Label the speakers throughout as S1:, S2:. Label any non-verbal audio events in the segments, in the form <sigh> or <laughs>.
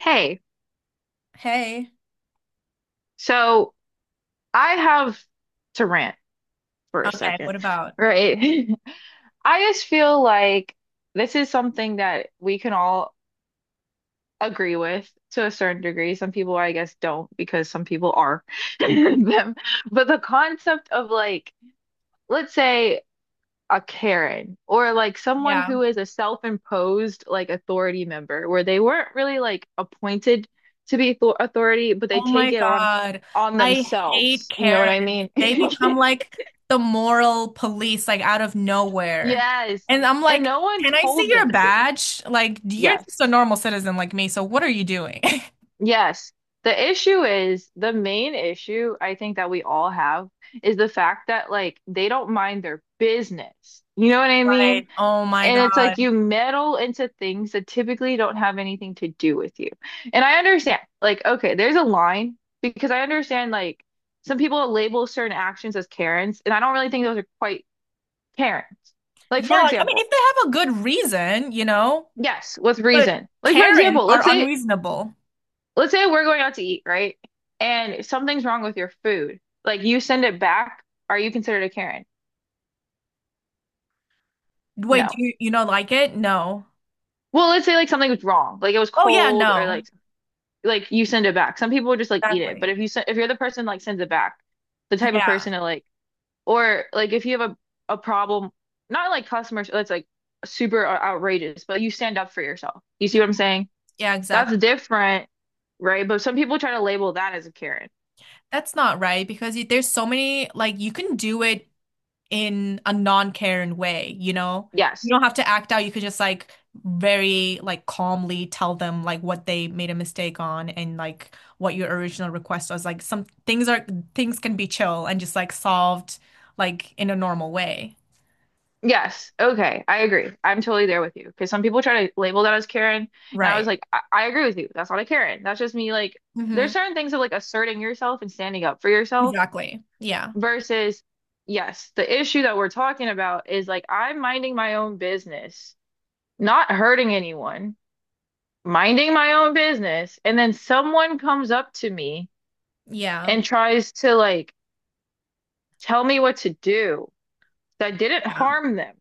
S1: Hey,
S2: Hey.
S1: so I have to rant for a
S2: Okay.
S1: second, right? <laughs> I just feel like this is something that we can all agree with to a certain degree. Some people, I guess, don't because some people are <laughs> them. But the concept of like, let's say a Karen or like someone
S2: Yeah.
S1: who is a self-imposed like authority member where they weren't really like appointed to be th authority, but they
S2: Oh my
S1: take it on
S2: God.
S1: on
S2: I hate
S1: themselves. You know what I
S2: Karens.
S1: mean?
S2: They become
S1: <laughs>
S2: like the moral police, like out of nowhere.
S1: Yes.
S2: And I'm
S1: And
S2: like,
S1: no one
S2: can I see
S1: told
S2: your
S1: them to.
S2: badge? Like, you're
S1: Yes.
S2: just a normal citizen like me, so what are you doing? <laughs>
S1: Yes. The issue is the main issue I think that we all have is the fact that like they don't mind their business. You know what I mean?
S2: Right. Oh my
S1: And it's like
S2: God.
S1: you meddle into things that typically don't have anything to do with you. And I understand, like, okay, there's a line because I understand, like, some people label certain actions as Karens, and I don't really think those are quite Karens. Like, for
S2: Yeah, like I mean,
S1: example,
S2: if they have a good reason,
S1: yes, with
S2: but
S1: reason. Like, for
S2: Karens
S1: example, let's
S2: are
S1: say,
S2: unreasonable.
S1: let's say we're going out to eat, right? And something's wrong with your food. Like, you send it back. Are you considered a Karen?
S2: Wait,
S1: No.
S2: do you know like it? No.
S1: Well, let's say like something was wrong, like it was
S2: Oh yeah,
S1: cold or
S2: no.
S1: like you send it back. Some people would just like eat it, but
S2: Exactly.
S1: if you're the person like sends it back, the type of
S2: Yeah.
S1: person to like or like if you have a problem, not like customers that's like super outrageous, but you stand up for yourself. You see what I'm
S2: Mm-hmm.
S1: saying?
S2: Yeah,
S1: That's
S2: exactly.
S1: different, right? But some people try to label that as a Karen.
S2: That's not right because there's so many, like, you can do it in a non-Karen way, you know? You
S1: Yes.
S2: don't have to act out. You could just, like, very, like, calmly tell them, like, what they made a mistake on and, like, what your original request was. Like, things can be chill and just, like, solved, like, in a normal way.
S1: Yes. Okay, I agree. I'm totally there with you because some people try to label that as Karen, and I was
S2: Right.
S1: like, I agree with you. That's not a Karen. That's just me like
S2: Mm-hmm.
S1: there's certain things of like asserting yourself and standing up for yourself.
S2: Exactly. Yeah.
S1: Versus, yes, the issue that we're talking about is like I'm minding my own business, not hurting anyone, minding my own business, and then someone comes up to me
S2: Yeah.
S1: and tries to like tell me what to do that didn't
S2: Yeah.
S1: harm them,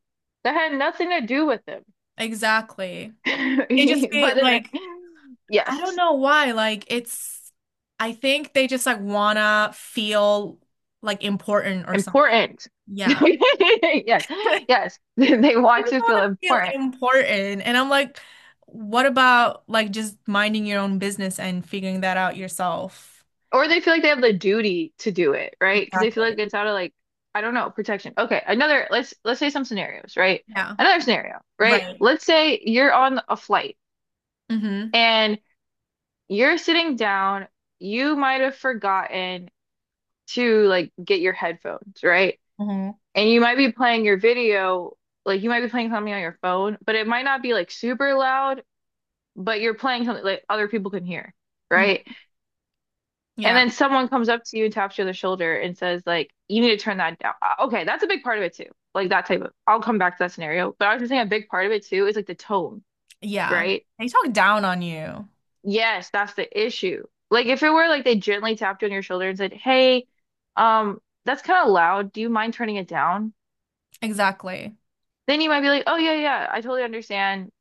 S1: that had nothing to do with them.
S2: Exactly.
S1: <laughs> But
S2: It just
S1: in
S2: be
S1: the,
S2: like, I don't
S1: yes,
S2: know why. Like it's I think they just like wanna feel like important or something.
S1: important. <laughs>
S2: Yeah.
S1: Yes,
S2: <laughs>
S1: yes, <laughs> they
S2: They
S1: want
S2: just
S1: to feel
S2: wanna feel
S1: important.
S2: important. And I'm like, what about like just minding your own business and figuring that out yourself?
S1: Or they feel like they have the duty to do it, right? Because they feel
S2: Exactly.
S1: like it's out of like, I don't know, protection. Okay, another, let's say some scenarios, right?
S2: Yeah.
S1: Another scenario, right?
S2: Right.
S1: Let's say you're on a flight
S2: Mm-hmm.
S1: and you're sitting down, you might have forgotten to like get your headphones, right?
S2: Mm-hmm.
S1: And you might be playing your video, like you might be playing something on your phone, but it might not be like super loud, but you're playing something like other people can hear, right? And
S2: Yeah.
S1: then someone comes up to you, and taps you on the shoulder, and says, like, you need to turn that down. Okay, that's a big part of it too. Like that type of, I'll come back to that scenario. But I was just saying a big part of it too is like the tone,
S2: Yeah.
S1: right?
S2: They talk down on you.
S1: Yes, that's the issue. Like if it were like they gently tapped you on your shoulder and said, "Hey, um, that's kind of loud. Do you mind turning it down?"
S2: Exactly.
S1: Then you might be like, "Oh yeah, yeah, I totally understand.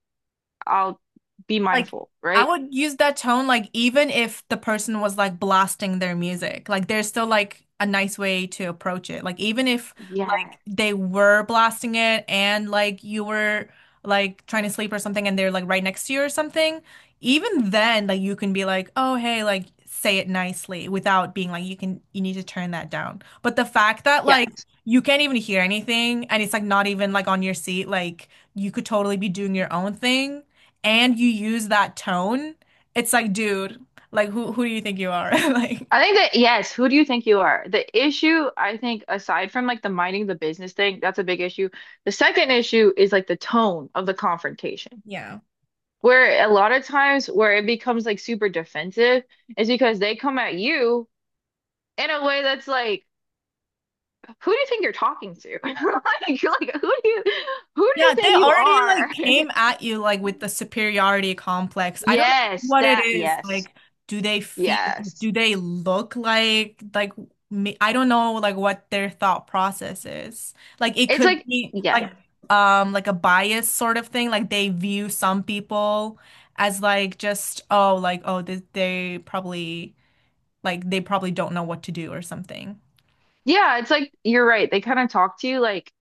S1: I'll be
S2: Like
S1: mindful,"
S2: I
S1: right?
S2: would use that tone like even if the person was like blasting their music. Like there's still like a nice way to approach it. Like even if
S1: Yeah,
S2: like they were blasting it and like you were like trying to sleep or something and they're like right next to you or something, even then like you can be like, "Oh, hey, like say it nicely," without being like you can you need to turn that down. But the fact that like
S1: yes.
S2: you can't even hear anything and it's like not even like on your seat, like you could totally be doing your own thing and you use that tone, it's like, dude, like who do you think you are? <laughs> Like,
S1: I think that yes, who do you think you are? The issue, I think, aside from like the minding the business thing, that's a big issue. The second issue is like the tone of the confrontation,
S2: yeah.
S1: where a lot of times where it becomes like super defensive is because they come at you in a way that's like, who do you think you're talking to? <laughs> Like, you're like, who do you
S2: Yeah, they
S1: think you
S2: already like
S1: are? <laughs>
S2: came at you like with the superiority complex. I don't know
S1: Yes,
S2: what it
S1: that,
S2: is.
S1: yes,
S2: Like, do they feel,
S1: yes.
S2: do they look like me? I don't know like what their thought process is. Like it
S1: It's
S2: could
S1: like,
S2: be
S1: yes.
S2: like a bias sort of thing. Like they view some people as like just oh like they probably like they probably don't know what to do or something.
S1: Yeah, it's like you're right. They kind of talk to you like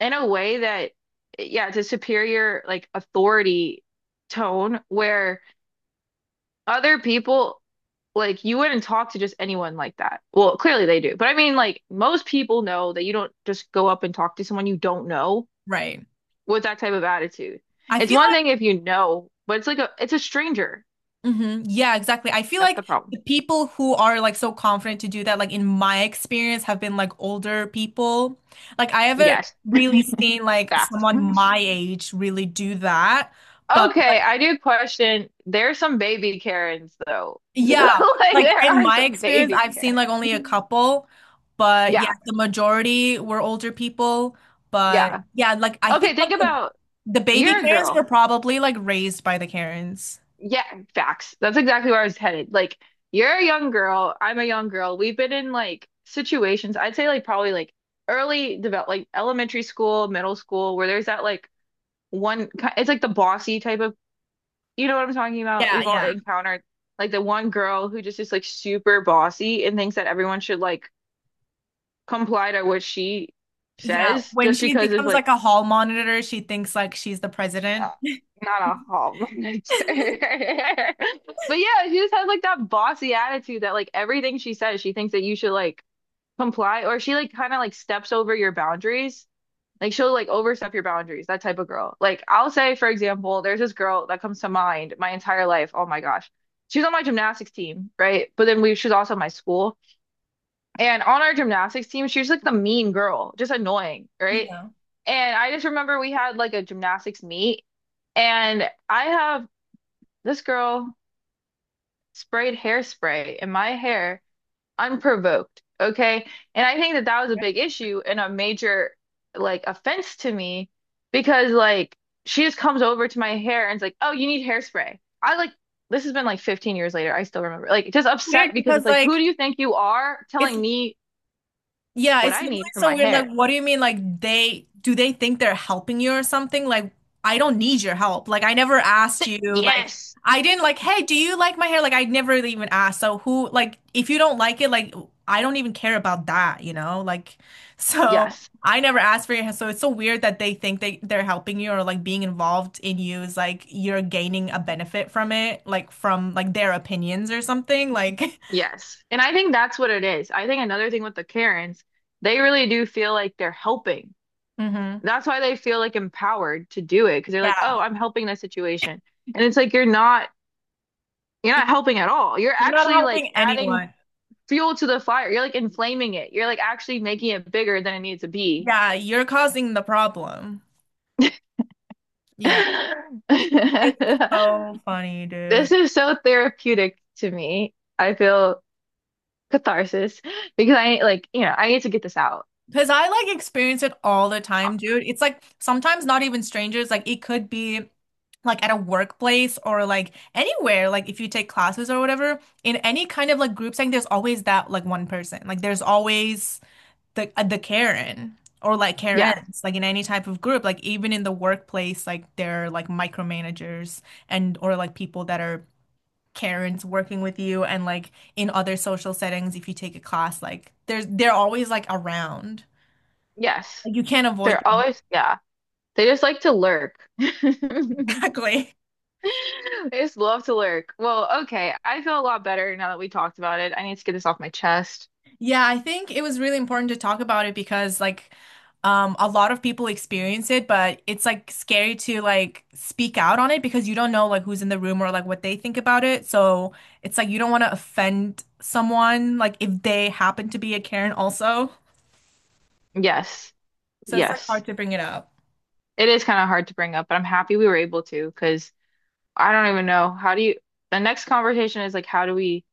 S1: in a way that, yeah, it's a superior like authority tone where other people like you wouldn't talk to just anyone like that. Well, clearly they do, but I mean, like most people know that you don't just go up and talk to someone you don't know
S2: Right.
S1: with that type of attitude.
S2: I
S1: It's
S2: feel
S1: one thing if you know, but it's like a it's a stranger.
S2: like, hmm yeah, exactly. I feel
S1: That's
S2: like
S1: the problem.
S2: the people who are like so confident to do that, like in my experience, have been like older people. Like I haven't
S1: Yes,
S2: really seen like
S1: facts.
S2: someone my age really do that.
S1: Okay, I do question. There's some baby Karens though. <laughs>
S2: Yeah,
S1: Like
S2: like
S1: there
S2: in
S1: are
S2: my
S1: some
S2: experience,
S1: baby
S2: I've seen
S1: Karens.
S2: like only a couple, but yeah,
S1: Yeah,
S2: the majority were older people. But
S1: yeah.
S2: yeah, like I think
S1: Okay, think about
S2: the baby
S1: you're a
S2: Karens were
S1: girl.
S2: probably like raised by the Karens.
S1: Yeah, facts. That's exactly where I was headed. Like, you're a young girl. I'm a young girl. We've been in like situations, I'd say like probably like early develop like elementary school, middle school, where there's that like it's like the bossy type of, you know what I'm talking about?
S2: Yeah,
S1: We've all
S2: yeah,
S1: encountered like the one girl who just is like super bossy and thinks that everyone should like comply to what she
S2: yeah.
S1: says
S2: When
S1: just
S2: she
S1: because of
S2: becomes
S1: like
S2: like a hall monitor, she thinks like she's the president.
S1: uh, not a hallmark.
S2: <laughs>
S1: <laughs> But yeah, she just has like that bossy attitude that like everything she says, she thinks that you should like comply or she like kind of like steps over your boundaries. Like she'll like overstep your boundaries, that type of girl. Like I'll say, for example, there's this girl that comes to mind my entire life. Oh my gosh. She's on my gymnastics team, right? But then we she was also in my school. And on our gymnastics team, she was like the mean girl, just annoying, right? And I just remember we had like a gymnastics meet, and I have this girl sprayed hairspray in my hair unprovoked, okay? And I think that that was a big issue and a major like offense to me because like she just comes over to my hair and's like, "Oh, you need hairspray." I like this has been like 15 years later. I still remember. Like just
S2: Weird
S1: upset because it's
S2: because
S1: like, "Who do
S2: like
S1: you think you are
S2: it's
S1: telling me
S2: yeah,
S1: what
S2: it's
S1: I
S2: literally
S1: need for
S2: so
S1: my
S2: weird. Like,
S1: hair?"
S2: what do you mean? Like, they think they're helping you or something? Like, I don't need your help. Like, I never
S1: <laughs>
S2: asked you. Like,
S1: Yes,
S2: I didn't like, hey, do you like my hair? Like, I never even asked. So, who, like, if you don't like it, like, I don't even care about that, you know? Like, <laughs> so
S1: yes,
S2: I never asked for your hair. So, it's so weird that they're helping you or like being involved in you is like you're gaining a benefit from it, like, from like their opinions or something. Like, <laughs>
S1: yes. And I think that's what it is. I think another thing with the Karens, they really do feel like they're helping.
S2: hmm
S1: That's why they feel like empowered to do it because they're like, oh,
S2: yeah,
S1: I'm helping this situation. And it's like you're not helping at all. You're
S2: you're not
S1: actually like
S2: helping
S1: adding
S2: anyone.
S1: fuel to the fire. You're like inflaming it. You're like actually making it bigger than it needs to be.
S2: Yeah, you're causing the problem. Yeah. It's so
S1: <laughs>
S2: funny, dude.
S1: This is so therapeutic to me. I feel catharsis because I like, you know, I need to get this out.
S2: Because I like experience it all the time, dude. It's like sometimes not even strangers, like it could be like at a workplace or like anywhere, like if you take classes or whatever, in any kind of like group setting, there's always that like one person. Like there's always the Karen or like
S1: Yes,
S2: Karens, like in any type of group, like even in the workplace, like they're like micromanagers and or like people that are Karens working with you and like in other social settings if you take a class like there's they're always like around
S1: yes.
S2: like you can't avoid
S1: They're
S2: them.
S1: always, yeah. They just like to lurk.
S2: <laughs>
S1: <laughs>
S2: Exactly,
S1: They just love to lurk. Well, okay. I feel a lot better now that we talked about it. I need to get this off my chest.
S2: yeah, I think it was really important to talk about it because like a lot of people experience it, but it's like scary to like speak out on it because you don't know like who's in the room or like what they think about it, so it's like you don't want to offend someone like if they happen to be a Karen also,
S1: Yes,
S2: so it's like
S1: yes.
S2: hard to bring it up.
S1: It is kind of hard to bring up, but I'm happy we were able to because I don't even know. How do you, the next conversation is like, how do we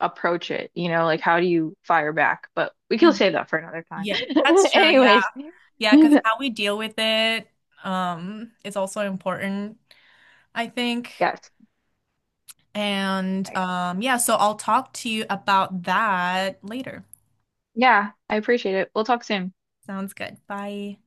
S1: approach it? You know, like, how do you fire back? But we can
S2: Mhm.
S1: save that for another time.
S2: Yeah, that's
S1: <laughs>
S2: true, yeah.
S1: Anyways,
S2: Yeah, because
S1: <laughs>
S2: how we deal with it, is also important, I think.
S1: yes.
S2: And
S1: I-
S2: yeah, so I'll talk to you about that later.
S1: Yeah, I appreciate it. We'll talk soon.
S2: Sounds good. Bye.